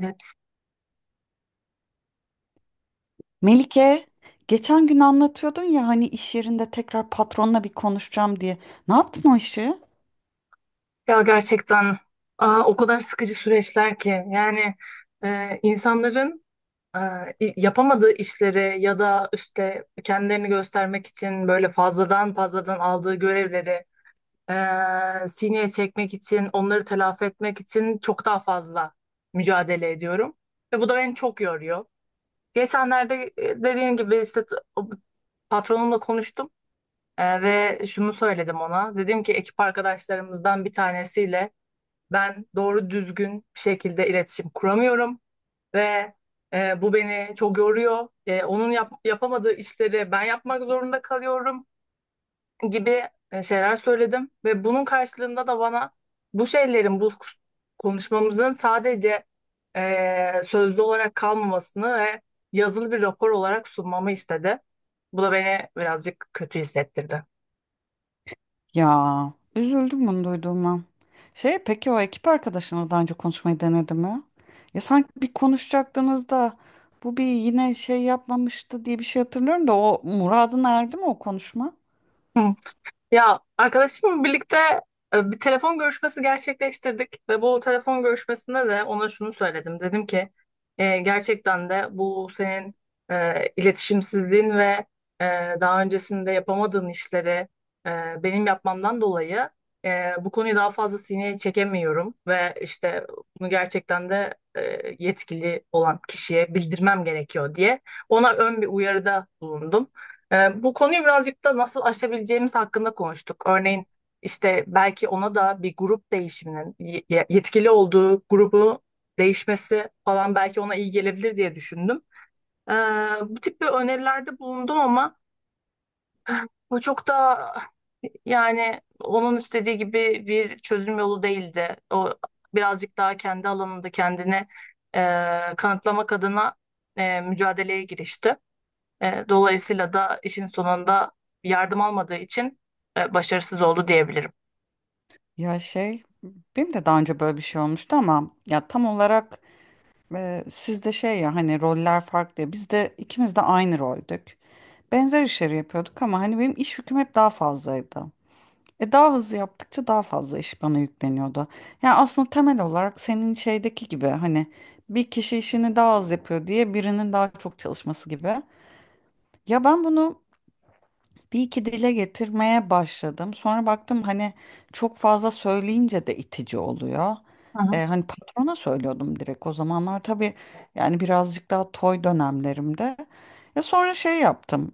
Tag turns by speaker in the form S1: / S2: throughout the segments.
S1: Evet.
S2: Melike, geçen gün anlatıyordun ya hani iş yerinde tekrar patronla bir konuşacağım diye. Ne yaptın o işi?
S1: Ya gerçekten o kadar sıkıcı süreçler ki yani insanların e, yapamadığı işleri ya da işte kendilerini göstermek için böyle fazladan fazladan aldığı görevleri sineye çekmek için onları telafi etmek için çok daha fazla mücadele ediyorum ve bu da beni çok yoruyor. Geçenlerde dediğim gibi işte patronumla konuştum, ve şunu söyledim, ona dedim ki ekip arkadaşlarımızdan bir tanesiyle ben doğru düzgün bir şekilde iletişim kuramıyorum ve bu beni çok yoruyor. Onun yapamadığı işleri ben yapmak zorunda kalıyorum gibi şeyler söyledim, ve bunun karşılığında da bana bu şeylerin, bu konuşmamızın sadece sözlü olarak kalmamasını ve yazılı bir rapor olarak sunmamı istedi. Bu da beni birazcık kötü hissettirdi.
S2: Ya, üzüldüm bunu duyduğuma. Şey, peki o ekip arkadaşınla daha önce konuşmayı denedi mi? Ya sanki bir konuşacaktınız da bu bir yine şey yapmamıştı diye bir şey hatırlıyorum da o muradına erdi mi o konuşma?
S1: Hı. Ya arkadaşımla birlikte bir telefon görüşmesi gerçekleştirdik ve bu telefon görüşmesinde de ona şunu söyledim. Dedim ki: Gerçekten de bu senin iletişimsizliğin ve e, daha öncesinde yapamadığın işleri e, benim yapmamdan dolayı bu konuyu daha fazla sineye çekemiyorum ve işte bunu gerçekten de yetkili olan kişiye bildirmem gerekiyor," diye ona ön bir uyarıda bulundum. Bu konuyu birazcık da nasıl aşabileceğimiz hakkında konuştuk. Örneğin işte belki ona da bir grup değişiminin yetkili olduğu grubu değişmesi falan belki ona iyi gelebilir diye düşündüm. Ee, Bu tip bir önerilerde bulundum ama bu çok da, yani onun istediği gibi bir çözüm yolu değildi. O birazcık daha kendi alanında kendini e, kanıtlamak adına mücadeleye girişti. Dolayısıyla da işin sonunda yardım almadığı için başarısız oldu diyebilirim.
S2: Ya şey, benim de daha önce böyle bir şey olmuştu ama ya tam olarak sizde şey, ya hani roller farklı. Ya biz de ikimiz de aynı roldük, benzer işleri yapıyorduk ama hani benim iş yüküm hep daha fazlaydı. E, daha hızlı yaptıkça daha fazla iş bana yükleniyordu. Yani aslında temel olarak senin şeydeki gibi, hani bir kişi işini daha az yapıyor diye birinin daha çok çalışması gibi. Ya ben bunu bir iki dile getirmeye başladım. Sonra baktım, hani çok fazla söyleyince de itici oluyor.
S1: Hı hı.
S2: Hani patrona söylüyordum direkt, o zamanlar tabii yani birazcık daha toy dönemlerimde. Ya sonra şey yaptım.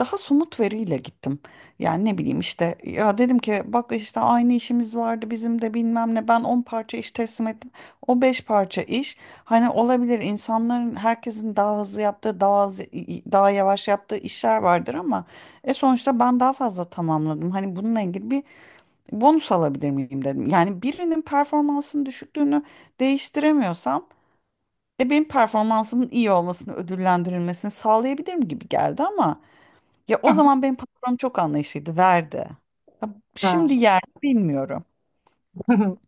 S2: Daha somut veriyle gittim. Yani ne bileyim, işte ya dedim ki bak işte aynı işimiz vardı bizim de, bilmem ne, ben 10 parça iş teslim ettim. O 5 parça iş. Hani olabilir, insanların, herkesin daha hızlı yaptığı, daha az, daha yavaş yaptığı işler vardır ama e, sonuçta ben daha fazla tamamladım. Hani bununla ilgili bir bonus alabilir miyim dedim. Yani birinin performansının düşüklüğünü değiştiremiyorsam e, benim performansımın iyi olmasını, ödüllendirilmesini sağlayabilirim gibi geldi ama ya
S1: Hı
S2: o
S1: hı.
S2: zaman benim patronum çok anlayışlıydı, verdi. Ya
S1: Doğru.
S2: şimdi yer mi bilmiyorum.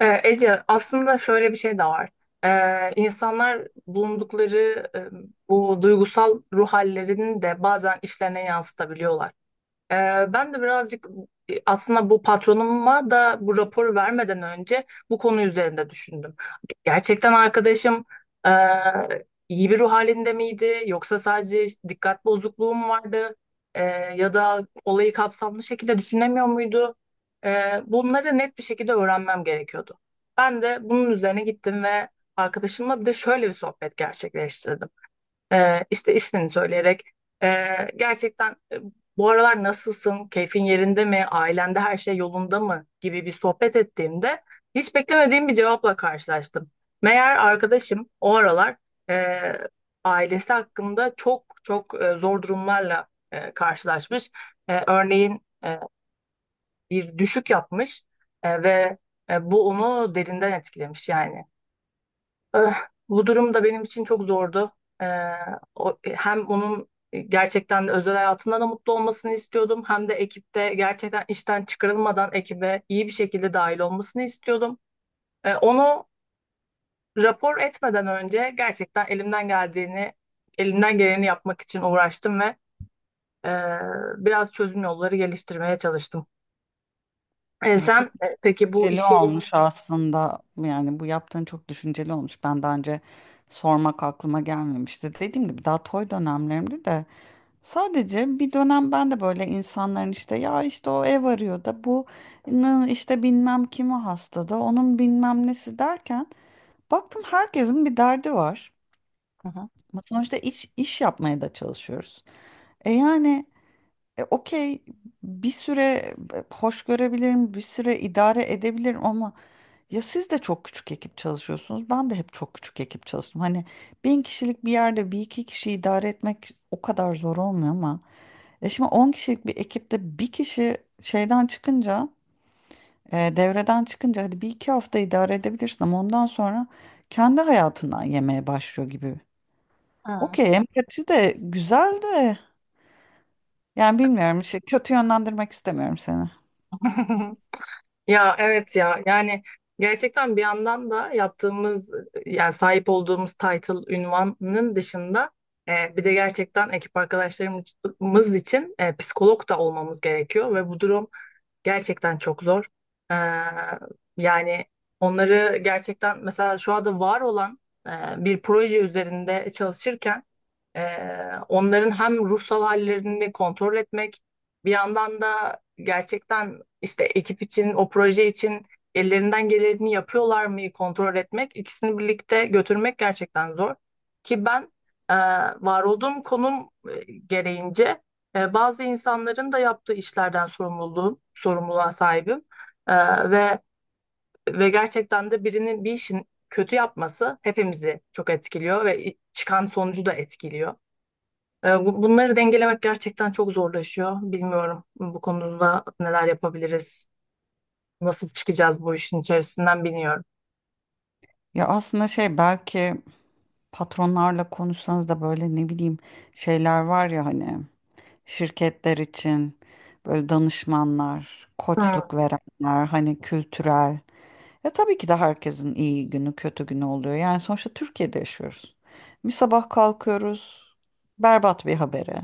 S1: Ece, aslında şöyle bir şey de var. İnsanlar bulundukları e, bu duygusal ruh hallerini de bazen işlerine yansıtabiliyorlar. Ee, Ben de birazcık aslında bu patronuma da bu raporu vermeden önce bu konu üzerinde düşündüm. Gerçekten arkadaşım e, iyi bir ruh halinde miydi yoksa sadece dikkat bozukluğu mu vardı? E, Ya da olayı kapsamlı şekilde düşünemiyor muydu? Bunları net bir şekilde öğrenmem gerekiyordu. Ben de bunun üzerine gittim ve arkadaşımla bir de şöyle bir sohbet gerçekleştirdim. İşte ismini söyleyerek gerçekten bu aralar nasılsın, keyfin yerinde mi, ailende her şey yolunda mı gibi bir sohbet ettiğimde hiç beklemediğim bir cevapla karşılaştım. Meğer arkadaşım o aralar ee, ailesi hakkında çok çok zor durumlarla karşılaşmış. Örneğin bir düşük yapmış, ve bu onu derinden etkilemiş yani. Eh, Bu durum da benim için çok zordu. Eh, O, hem onun gerçekten özel hayatında da mutlu olmasını istiyordum, hem de ekipte gerçekten işten çıkarılmadan ekibe iyi bir şekilde dahil olmasını istiyordum. Onu rapor etmeden önce gerçekten elimden geldiğini, elimden geleni yapmak için uğraştım ve eh, biraz çözüm yolları geliştirmeye çalıştım.
S2: Ya
S1: Sen
S2: çok
S1: peki bu
S2: düşünceli
S1: iş yeri.
S2: olmuş aslında. Yani bu yaptığın çok düşünceli olmuş. Ben daha önce sormak aklıma gelmemişti. Dediğim gibi daha toy dönemlerimdi de, sadece bir dönem ben de böyle insanların, işte ya işte o ev arıyor da, bu işte bilmem kimi hasta da, onun bilmem nesi derken baktım herkesin bir derdi var.
S1: Hı hı.
S2: Ama sonuçta iş yapmaya da çalışıyoruz. E, yani okey, bir süre hoş görebilirim, bir süre idare edebilirim ama ya siz de çok küçük ekip çalışıyorsunuz. Ben de hep çok küçük ekip çalıştım. Hani bin kişilik bir yerde bir iki kişi idare etmek o kadar zor olmuyor ama. E, şimdi 10 kişilik bir ekipte bir kişi şeyden çıkınca, devreden çıkınca, hadi bir iki hafta idare edebilirsin ama ondan sonra kendi hayatından yemeye başlıyor gibi.
S1: Hı.
S2: Okey, empati de güzel de, yani bilmiyorum işte, kötü yönlendirmek istemiyorum seni.
S1: Ya evet ya yani gerçekten bir yandan da yaptığımız, yani sahip olduğumuz title ünvanının dışında bir de gerçekten ekip arkadaşlarımız için psikolog da olmamız gerekiyor ve bu durum gerçekten çok zor. Ee, Yani onları gerçekten mesela şu anda var olan e, bir proje üzerinde çalışırken ee, onların hem ruhsal hallerini kontrol etmek, bir yandan da gerçekten işte ekip için, o proje için ellerinden geleni yapıyorlar mı kontrol etmek, ikisini birlikte götürmek gerçekten zor. Ki ben e, var olduğum konum gereğince bazı insanların da yaptığı işlerden sorumluluğa sahibim. E, ve ve gerçekten de birinin bir işin kötü yapması hepimizi çok etkiliyor ve çıkan sonucu da etkiliyor. Bunları dengelemek gerçekten çok zorlaşıyor. Bilmiyorum bu konuda neler yapabiliriz, nasıl çıkacağız bu işin içerisinden bilmiyorum.
S2: Ya aslında şey, belki patronlarla konuşsanız da, böyle ne bileyim şeyler var ya, hani şirketler için böyle danışmanlar,
S1: Hı,
S2: koçluk verenler, hani kültürel. Ya tabii ki de herkesin iyi günü, kötü günü oluyor. Yani sonuçta Türkiye'de yaşıyoruz. Bir sabah kalkıyoruz berbat bir habere.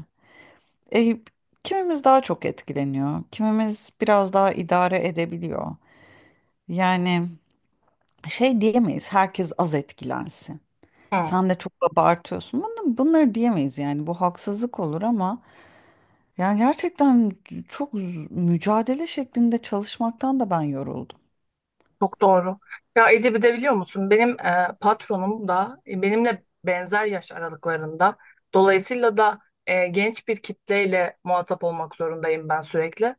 S2: E, kimimiz daha çok etkileniyor, kimimiz biraz daha idare edebiliyor. Yani şey diyemeyiz, herkes az etkilensin.
S1: hı.
S2: Sen de çok abartıyorsun. Bunları diyemeyiz, yani bu haksızlık olur ama yani gerçekten çok mücadele şeklinde çalışmaktan da ben yoruldum.
S1: Çok doğru. Ya Ece, bir de biliyor musun benim patronum da benimle benzer yaş aralıklarında. Dolayısıyla da genç bir kitleyle muhatap olmak zorundayım ben sürekli.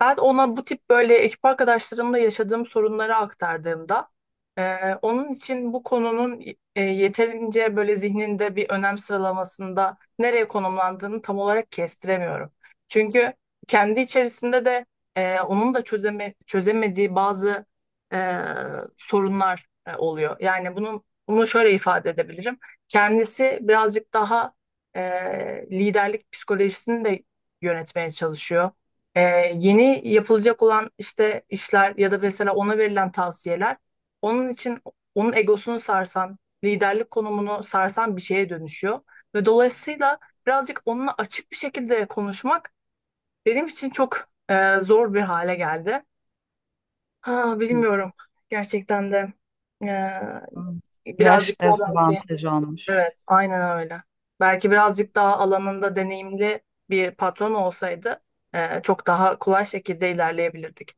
S1: Ben ona bu tip böyle ekip arkadaşlarımla yaşadığım sorunları aktardığımda onun için bu konunun yeterince böyle zihninde bir önem sıralamasında nereye konumlandığını tam olarak kestiremiyorum. Çünkü kendi içerisinde de onun da çözemediği bazı e, sorunlar oluyor. Yani bunu şöyle ifade edebilirim. Kendisi birazcık daha e, liderlik psikolojisini de yönetmeye çalışıyor, ee, yeni yapılacak olan işte işler ya da mesela ona verilen tavsiyeler onun için onun egosunu sarsan, liderlik konumunu sarsan bir şeye dönüşüyor. Ve dolayısıyla birazcık onunla açık bir şekilde konuşmak benim için çok zor bir hale geldi. Ha,
S2: Hı.
S1: bilmiyorum. Gerçekten de
S2: Hı. Yaş
S1: birazcık daha belki
S2: dezavantajı olmuş.
S1: evet, aynen öyle. Belki birazcık daha alanında deneyimli bir patron olsaydı çok daha kolay şekilde ilerleyebilirdik.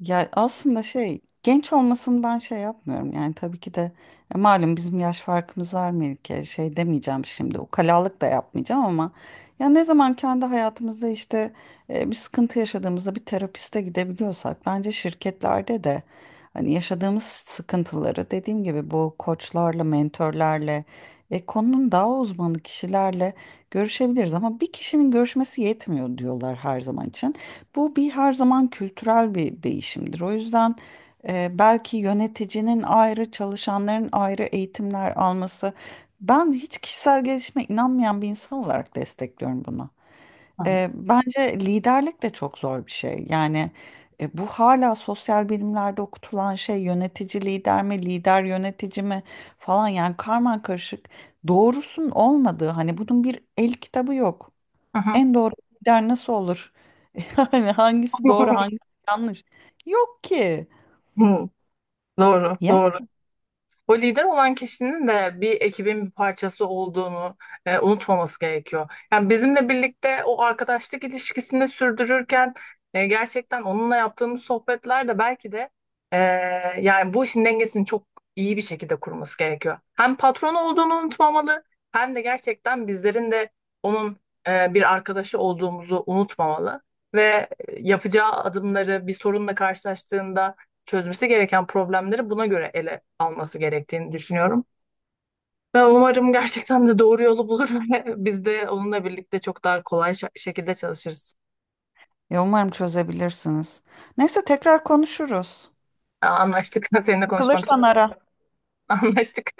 S2: Ya aslında şey, genç olmasını ben şey yapmıyorum, yani tabii ki de malum bizim yaş farkımız var Melike, şey demeyeceğim şimdi, ukalalık da yapmayacağım ama ya ne zaman kendi hayatımızda işte bir sıkıntı yaşadığımızda bir terapiste gidebiliyorsak, bence şirketlerde de hani yaşadığımız sıkıntıları, dediğim gibi, bu koçlarla, mentorlarla, konunun daha uzmanı kişilerle görüşebiliriz ama bir kişinin görüşmesi yetmiyor diyorlar her zaman için. Bu bir her zaman kültürel bir değişimdir. O yüzden belki yöneticinin ayrı, çalışanların ayrı eğitimler alması. Ben hiç kişisel gelişime inanmayan bir insan olarak destekliyorum bunu.
S1: Hı hı.
S2: Bence liderlik de çok zor bir şey. Yani bu hala sosyal bilimlerde okutulan şey, yönetici lider mi, lider yönetici mi falan, yani karman karışık doğrusun olmadığı, hani bunun bir el kitabı yok.
S1: Hı hı.
S2: En doğru lider nasıl olur? Yani hangisi doğru, hangisi yanlış? Yok ki.
S1: Hı, doğru,
S2: Ya,
S1: doğru. O lider olan kişinin de bir ekibin bir parçası olduğunu unutmaması gerekiyor. Yani bizimle birlikte o arkadaşlık ilişkisini sürdürürken gerçekten onunla yaptığımız sohbetler de belki de e, yani bu işin dengesini çok iyi bir şekilde kurması gerekiyor. Hem patron olduğunu unutmamalı, hem de gerçekten bizlerin de onun bir arkadaşı olduğumuzu unutmamalı ve yapacağı adımları, bir sorunla karşılaştığında çözmesi gereken problemleri buna göre ele alması gerektiğini düşünüyorum. Ve umarım gerçekten de doğru yolu bulur ve biz de onunla birlikte çok daha kolay şekilde çalışırız.
S2: ya umarım çözebilirsiniz. Neyse tekrar konuşuruz.
S1: Anlaştık. Seninle konuşmak için
S2: Sıkılırsan ara.
S1: anlaştık.